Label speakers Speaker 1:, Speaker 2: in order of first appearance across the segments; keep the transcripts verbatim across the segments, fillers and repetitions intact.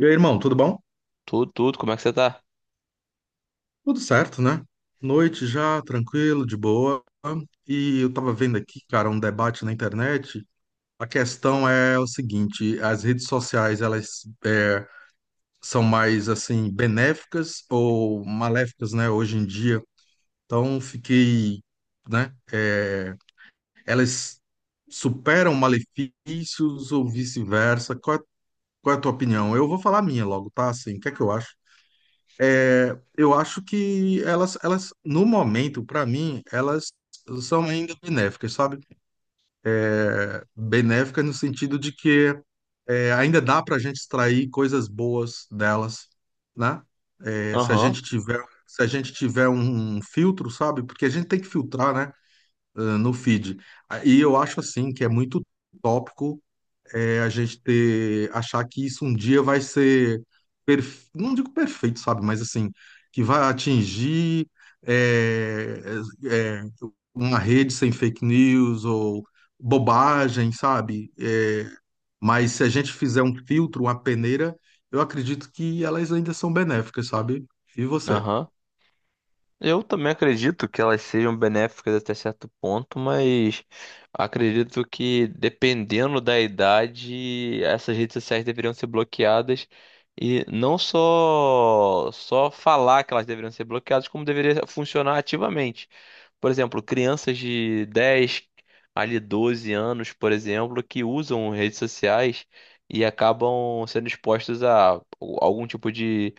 Speaker 1: E aí, irmão, tudo bom?
Speaker 2: Tudo, tudo, como é que você tá?
Speaker 1: Tudo certo, né? Noite já, tranquilo, de boa. E eu tava vendo aqui, cara, um debate na internet. A questão é o seguinte: as redes sociais, elas é, são mais, assim, benéficas ou maléficas, né, hoje em dia? Então, fiquei, né? é, elas superam malefícios ou vice-versa? Qual é, qual é a tua opinião? Eu vou falar a minha logo, tá? Assim, o que é que eu acho? Eu acho que elas, elas no momento, para mim, elas são ainda benéficas, sabe? É, benéficas no sentido de que é, ainda dá para a gente extrair coisas boas delas, né? É, se a gente
Speaker 2: Aham,
Speaker 1: tiver, se a gente tiver um, um filtro, sabe? Porque a gente tem que filtrar, né? eh, No feed. Ah, E eu acho assim que é muito tópico é a gente ter, achar que isso um dia vai ser, perf- não digo perfeito, sabe, mas assim, que vai atingir é, é, uma rede sem fake news ou bobagem, sabe? É, mas se a gente fizer um filtro, uma peneira, eu acredito que elas ainda são benéficas, sabe? E você?
Speaker 2: aham. Eu também acredito que elas sejam benéficas até certo ponto, mas acredito que dependendo da idade, essas redes sociais deveriam ser bloqueadas e não só só falar que elas deveriam ser bloqueadas, como deveria funcionar ativamente. Por exemplo, crianças de dez ali doze anos, por exemplo, que usam redes sociais e acabam sendo expostas a algum tipo de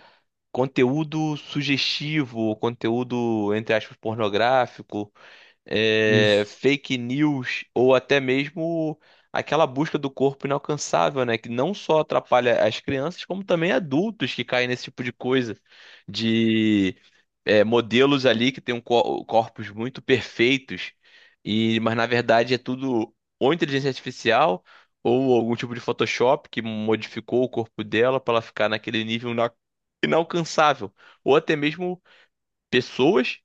Speaker 2: conteúdo sugestivo, conteúdo, entre aspas, pornográfico, é,
Speaker 1: Isso.
Speaker 2: fake news ou até mesmo aquela busca do corpo inalcançável, né? Que não só atrapalha as crianças, como também adultos que caem nesse tipo de coisa, de é, modelos ali que têm um cor- corpos muito perfeitos, e mas na verdade é tudo ou inteligência artificial ou algum tipo de Photoshop que modificou o corpo dela para ela ficar naquele nível ina- inalcançável, ou até mesmo pessoas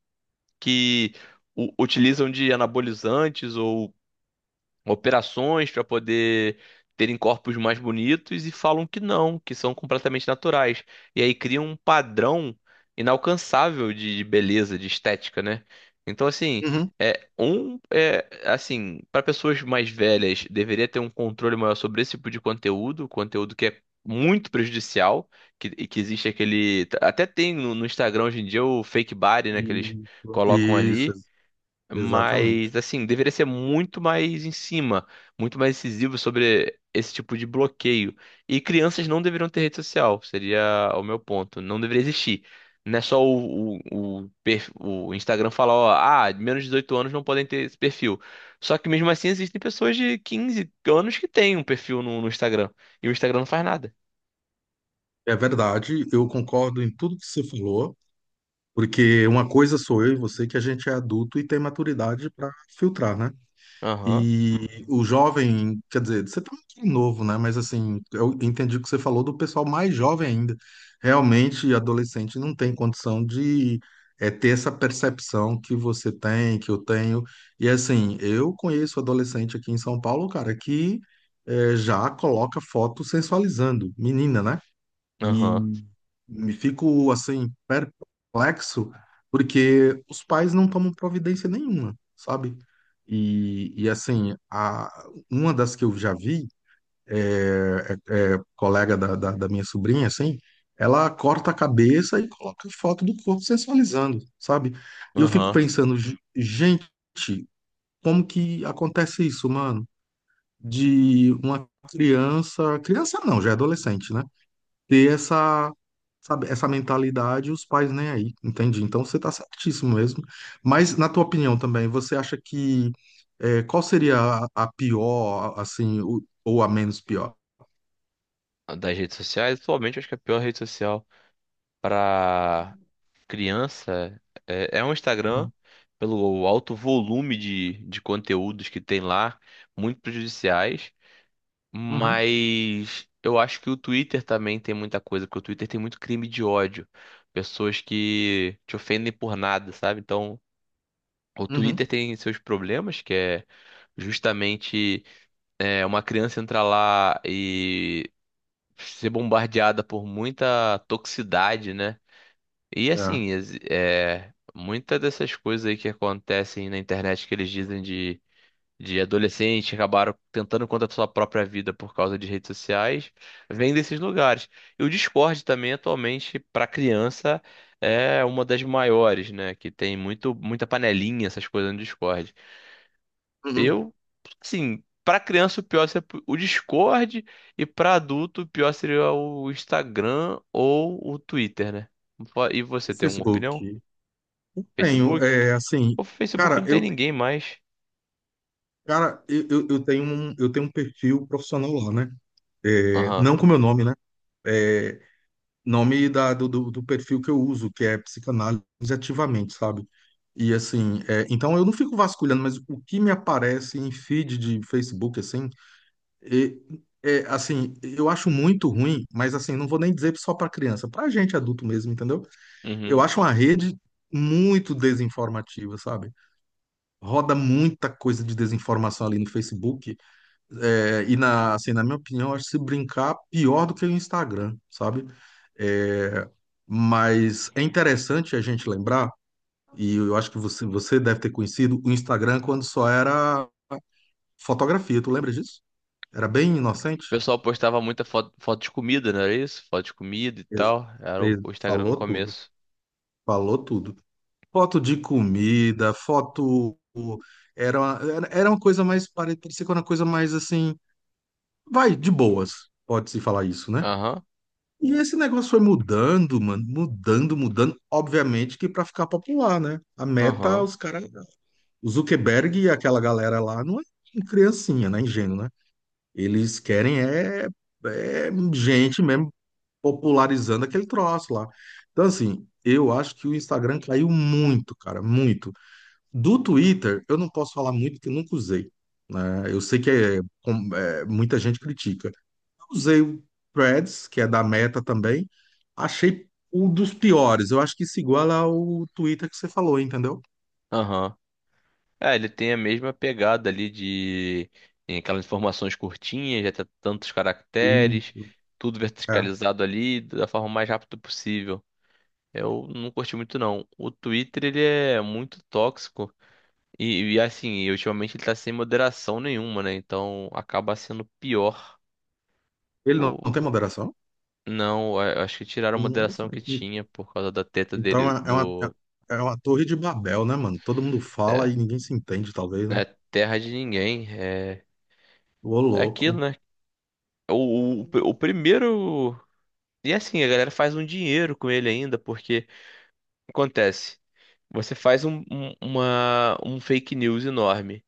Speaker 2: que u- utilizam de anabolizantes ou operações para poder terem corpos mais bonitos e falam que não, que são completamente naturais. E aí criam um padrão inalcançável de de beleza, de estética, né? Então, assim,
Speaker 1: Uhum.
Speaker 2: é um é assim, para pessoas mais velhas, deveria ter um controle maior sobre esse tipo de conteúdo, conteúdo que é muito prejudicial, que, e que existe aquele, até tem no, no Instagram hoje em dia o fake body, né, que eles
Speaker 1: Isso,
Speaker 2: colocam
Speaker 1: Isso,
Speaker 2: ali,
Speaker 1: exatamente.
Speaker 2: mas, assim, deveria ser muito mais em cima, muito mais incisivo sobre esse tipo de bloqueio. E crianças não deveriam ter rede social, seria o meu ponto. Não deveria existir. Não é só o, o, o per- o Instagram falar: ó, ah, menos de dezoito anos não podem ter esse perfil. Só que mesmo assim existem pessoas de quinze anos que têm um perfil no, no Instagram. E o Instagram não faz nada.
Speaker 1: É verdade, eu concordo em tudo que você falou. Porque uma coisa sou eu e você que a gente é adulto e tem maturidade para filtrar, né?
Speaker 2: Aham,
Speaker 1: E o jovem, quer dizer, você tá muito novo, né? Mas assim, eu entendi o que você falou do pessoal mais jovem ainda. Realmente, adolescente não tem condição de é, ter essa percepção que você tem, que eu tenho. E assim, eu conheço adolescente aqui em São Paulo, cara, que é, já coloca foto sensualizando, menina, né? E
Speaker 2: aham,
Speaker 1: me fico assim perplexo porque os pais não tomam providência nenhuma, sabe? E, e assim, a, uma das que eu já vi é, é- é colega da, da, da minha sobrinha, assim, ela corta a cabeça e coloca foto do corpo sensualizando, sabe? E eu fico
Speaker 2: aham.
Speaker 1: pensando, "Ge- gente, como que acontece isso, mano? De uma criança, criança não, já é adolescente, né? Ter essa, sabe, essa mentalidade e os pais nem aí, entendi. Então você está certíssimo mesmo. Mas na tua opinião também, você acha que é, qual seria a, a pior, assim, o- ou a menos pior?
Speaker 2: Das redes sociais, atualmente eu acho que é a pior rede social para criança, é, é um Instagram
Speaker 1: Uhum,
Speaker 2: pelo alto volume de, de conteúdos que tem lá, muito prejudiciais, mas eu acho que o Twitter também tem muita coisa, porque o Twitter tem muito crime de ódio, pessoas que te ofendem por nada, sabe? Então, o Twitter
Speaker 1: uhum,
Speaker 2: tem seus problemas, que é justamente é, uma criança entrar lá e ser bombardeada por muita toxicidade, né? E
Speaker 1: é,
Speaker 2: assim, ex- é, muitas dessas coisas aí que acontecem na internet que eles dizem de, de adolescente que acabaram tentando contra a sua própria vida por causa de redes sociais, vem desses lugares. E o Discord também, atualmente, para criança, é uma das maiores, né? Que tem muito, muita panelinha, essas coisas no Discord.
Speaker 1: uhum.
Speaker 2: Eu, assim, para criança o pior seria o Discord e para adulto o pior seria o Instagram ou o Twitter, né? E
Speaker 1: O
Speaker 2: você tem uma
Speaker 1: Facebook.
Speaker 2: opinião?
Speaker 1: Eu tenho,
Speaker 2: Facebook?
Speaker 1: é, assim,
Speaker 2: O Facebook
Speaker 1: cara,
Speaker 2: não tem
Speaker 1: eu,
Speaker 2: ninguém mais.
Speaker 1: cara, eu, eu eu tenho um, eu tenho um perfil profissional lá, né? É,
Speaker 2: Aham.
Speaker 1: não com meu nome, né? É, nome da, do, do do perfil que eu uso, que é psicanálise ativamente, sabe? E assim, é, então eu não fico vasculhando, mas o que me aparece em feed de Facebook, assim, e- é, assim, eu acho muito ruim, mas assim, não vou nem dizer só para criança, para gente adulto mesmo, entendeu?
Speaker 2: Uhum.
Speaker 1: Eu
Speaker 2: O
Speaker 1: acho uma rede muito desinformativa, sabe? Roda muita coisa de desinformação ali no Facebook é, e na, assim, na minha opinião, acho que se brincar pior do que o Instagram, sabe? É, mas é interessante a gente lembrar, e eu acho que você, você deve ter conhecido o Instagram quando só era fotografia, tu lembra disso? Era bem inocente?
Speaker 2: pessoal postava muita foto, foto de comida, não era isso? Foto de comida e
Speaker 1: Ex-
Speaker 2: tal. Era o,
Speaker 1: ex-
Speaker 2: o Instagram no
Speaker 1: Falou tudo,
Speaker 2: começo.
Speaker 1: falou tudo. Foto de comida, foto. Era uma, era era uma coisa mais, pare- parecia que era uma coisa mais assim, vai, de boas, pode-se falar isso, né?
Speaker 2: Aham,
Speaker 1: E esse negócio foi mudando, mano, mudando, mudando. Obviamente que para ficar popular, né? A meta,
Speaker 2: aham,
Speaker 1: os caras, o Zuckerberg e aquela galera lá não é criancinha, né? Ingênuo, né? Eles querem é, é gente mesmo popularizando aquele troço lá. Então, assim, eu acho que o Instagram caiu muito, cara, muito. Do Twitter, eu não posso falar muito porque eu nunca usei, né? Eu sei que é, com- é, muita gente critica. Usei o Threads, que é da Meta também. Achei um dos piores. Eu acho que isso iguala ao Twitter que você falou, entendeu?
Speaker 2: aham. É, ele tem a mesma pegada ali de tem aquelas informações curtinhas, já tem tantos
Speaker 1: E
Speaker 2: caracteres, tudo
Speaker 1: é.
Speaker 2: verticalizado ali da forma mais rápida possível. Eu não curti muito não. O Twitter, ele é muito tóxico. E, e, assim, e ultimamente ele tá sem moderação nenhuma, né? Então acaba sendo pior.
Speaker 1: Ele não, não
Speaker 2: Ou
Speaker 1: tem moderação?
Speaker 2: não, é, acho que tiraram a
Speaker 1: Nossa,
Speaker 2: moderação que
Speaker 1: en-
Speaker 2: tinha por causa da treta
Speaker 1: então
Speaker 2: dele
Speaker 1: é é uma, é
Speaker 2: do.
Speaker 1: é uma torre de Babel, né, mano? Todo mundo fala e
Speaker 2: É,
Speaker 1: ninguém se entende, talvez, né?
Speaker 2: é terra de ninguém. É,
Speaker 1: Ô,
Speaker 2: é aquilo,
Speaker 1: louco.
Speaker 2: né? O, o, o primeiro. E assim, a galera faz um dinheiro com ele ainda, porque acontece. Você faz um, um- uma, um fake news enorme.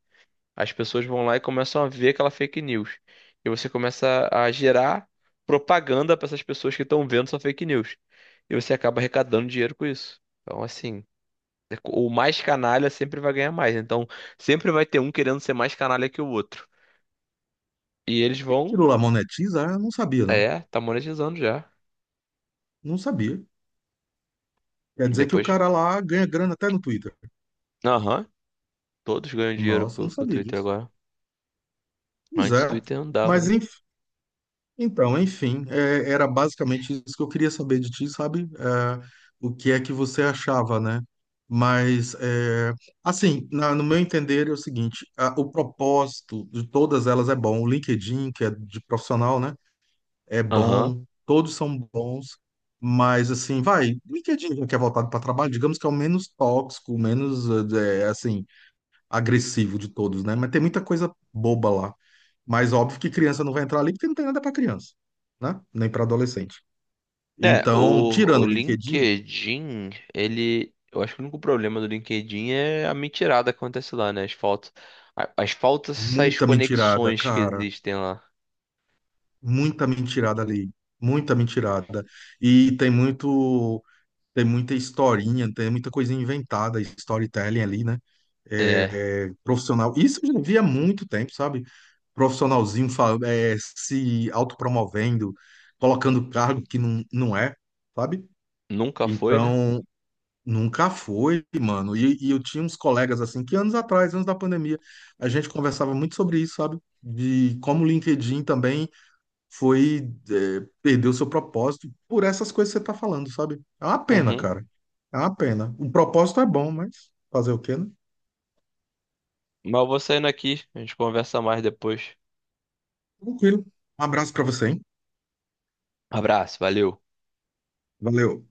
Speaker 2: As pessoas vão lá e começam a ver aquela fake news. E você começa a gerar propaganda para essas pessoas que estão vendo sua fake news. E você acaba arrecadando dinheiro com isso. Então, assim, é co- o mais canalha sempre vai ganhar mais. Então, sempre vai ter um querendo ser mais canalha que o outro. E eles vão.
Speaker 1: Aquilo lá monetiza? Eu não sabia, não.
Speaker 2: É, tá monetizando já.
Speaker 1: Não sabia. Quer
Speaker 2: E
Speaker 1: dizer que o
Speaker 2: depois.
Speaker 1: cara lá ganha grana até no Twitter.
Speaker 2: Aham, todos ganham dinheiro
Speaker 1: Nossa, eu
Speaker 2: com,
Speaker 1: não
Speaker 2: com o
Speaker 1: sabia
Speaker 2: Twitter
Speaker 1: disso.
Speaker 2: agora.
Speaker 1: Pois
Speaker 2: Antes o
Speaker 1: é.
Speaker 2: Twitter não dava,
Speaker 1: Mas,
Speaker 2: né?
Speaker 1: então, enfim, é, era basicamente isso que eu queria saber de ti, sabe? É, o que é que você achava, né? Mas, é, assim, na- no meu entender é o seguinte: a- o propósito de todas elas é bom. O LinkedIn, que é de profissional, né? É
Speaker 2: Aham.
Speaker 1: bom, todos são bons, mas, assim, vai, LinkedIn, que é voltado para trabalho, digamos que é o menos tóxico, menos, é, assim agressivo de todos, né? Mas tem muita coisa boba lá. Mas óbvio que criança não vai entrar ali porque não tem nada para criança, né? Nem para adolescente.
Speaker 2: É,
Speaker 1: Então,
Speaker 2: o,
Speaker 1: tirando
Speaker 2: o
Speaker 1: o LinkedIn,
Speaker 2: LinkedIn, ele. Eu acho que o único problema do LinkedIn é a mentirada que acontece lá, né? As faltas. a- As faltas, essas
Speaker 1: muita mentirada,
Speaker 2: conexões que
Speaker 1: cara.
Speaker 2: existem lá.
Speaker 1: Muita mentirada ali. Muita mentirada. E tem muito. Tem muita historinha, tem muita coisa inventada, storytelling ali, né?
Speaker 2: É,
Speaker 1: É, é, profissional. Isso eu já vi há muito tempo, sabe? Profissionalzinho fa- é, se autopromovendo, colocando cargo que não, não é, sabe?
Speaker 2: nunca foi, né?
Speaker 1: Então, nunca foi, mano. E, e eu tinha uns colegas assim, que anos atrás, antes da pandemia, a gente conversava muito sobre isso, sabe? De como o LinkedIn também foi é, perdeu seu propósito por essas coisas que você tá falando, sabe? É uma pena,
Speaker 2: Uhum.
Speaker 1: cara. É uma pena. O propósito é bom, mas fazer o quê, né?
Speaker 2: Mas eu vou saindo aqui, a gente conversa mais depois.
Speaker 1: Tranquilo. Um abraço pra você, hein?
Speaker 2: Abraço, valeu.
Speaker 1: Valeu.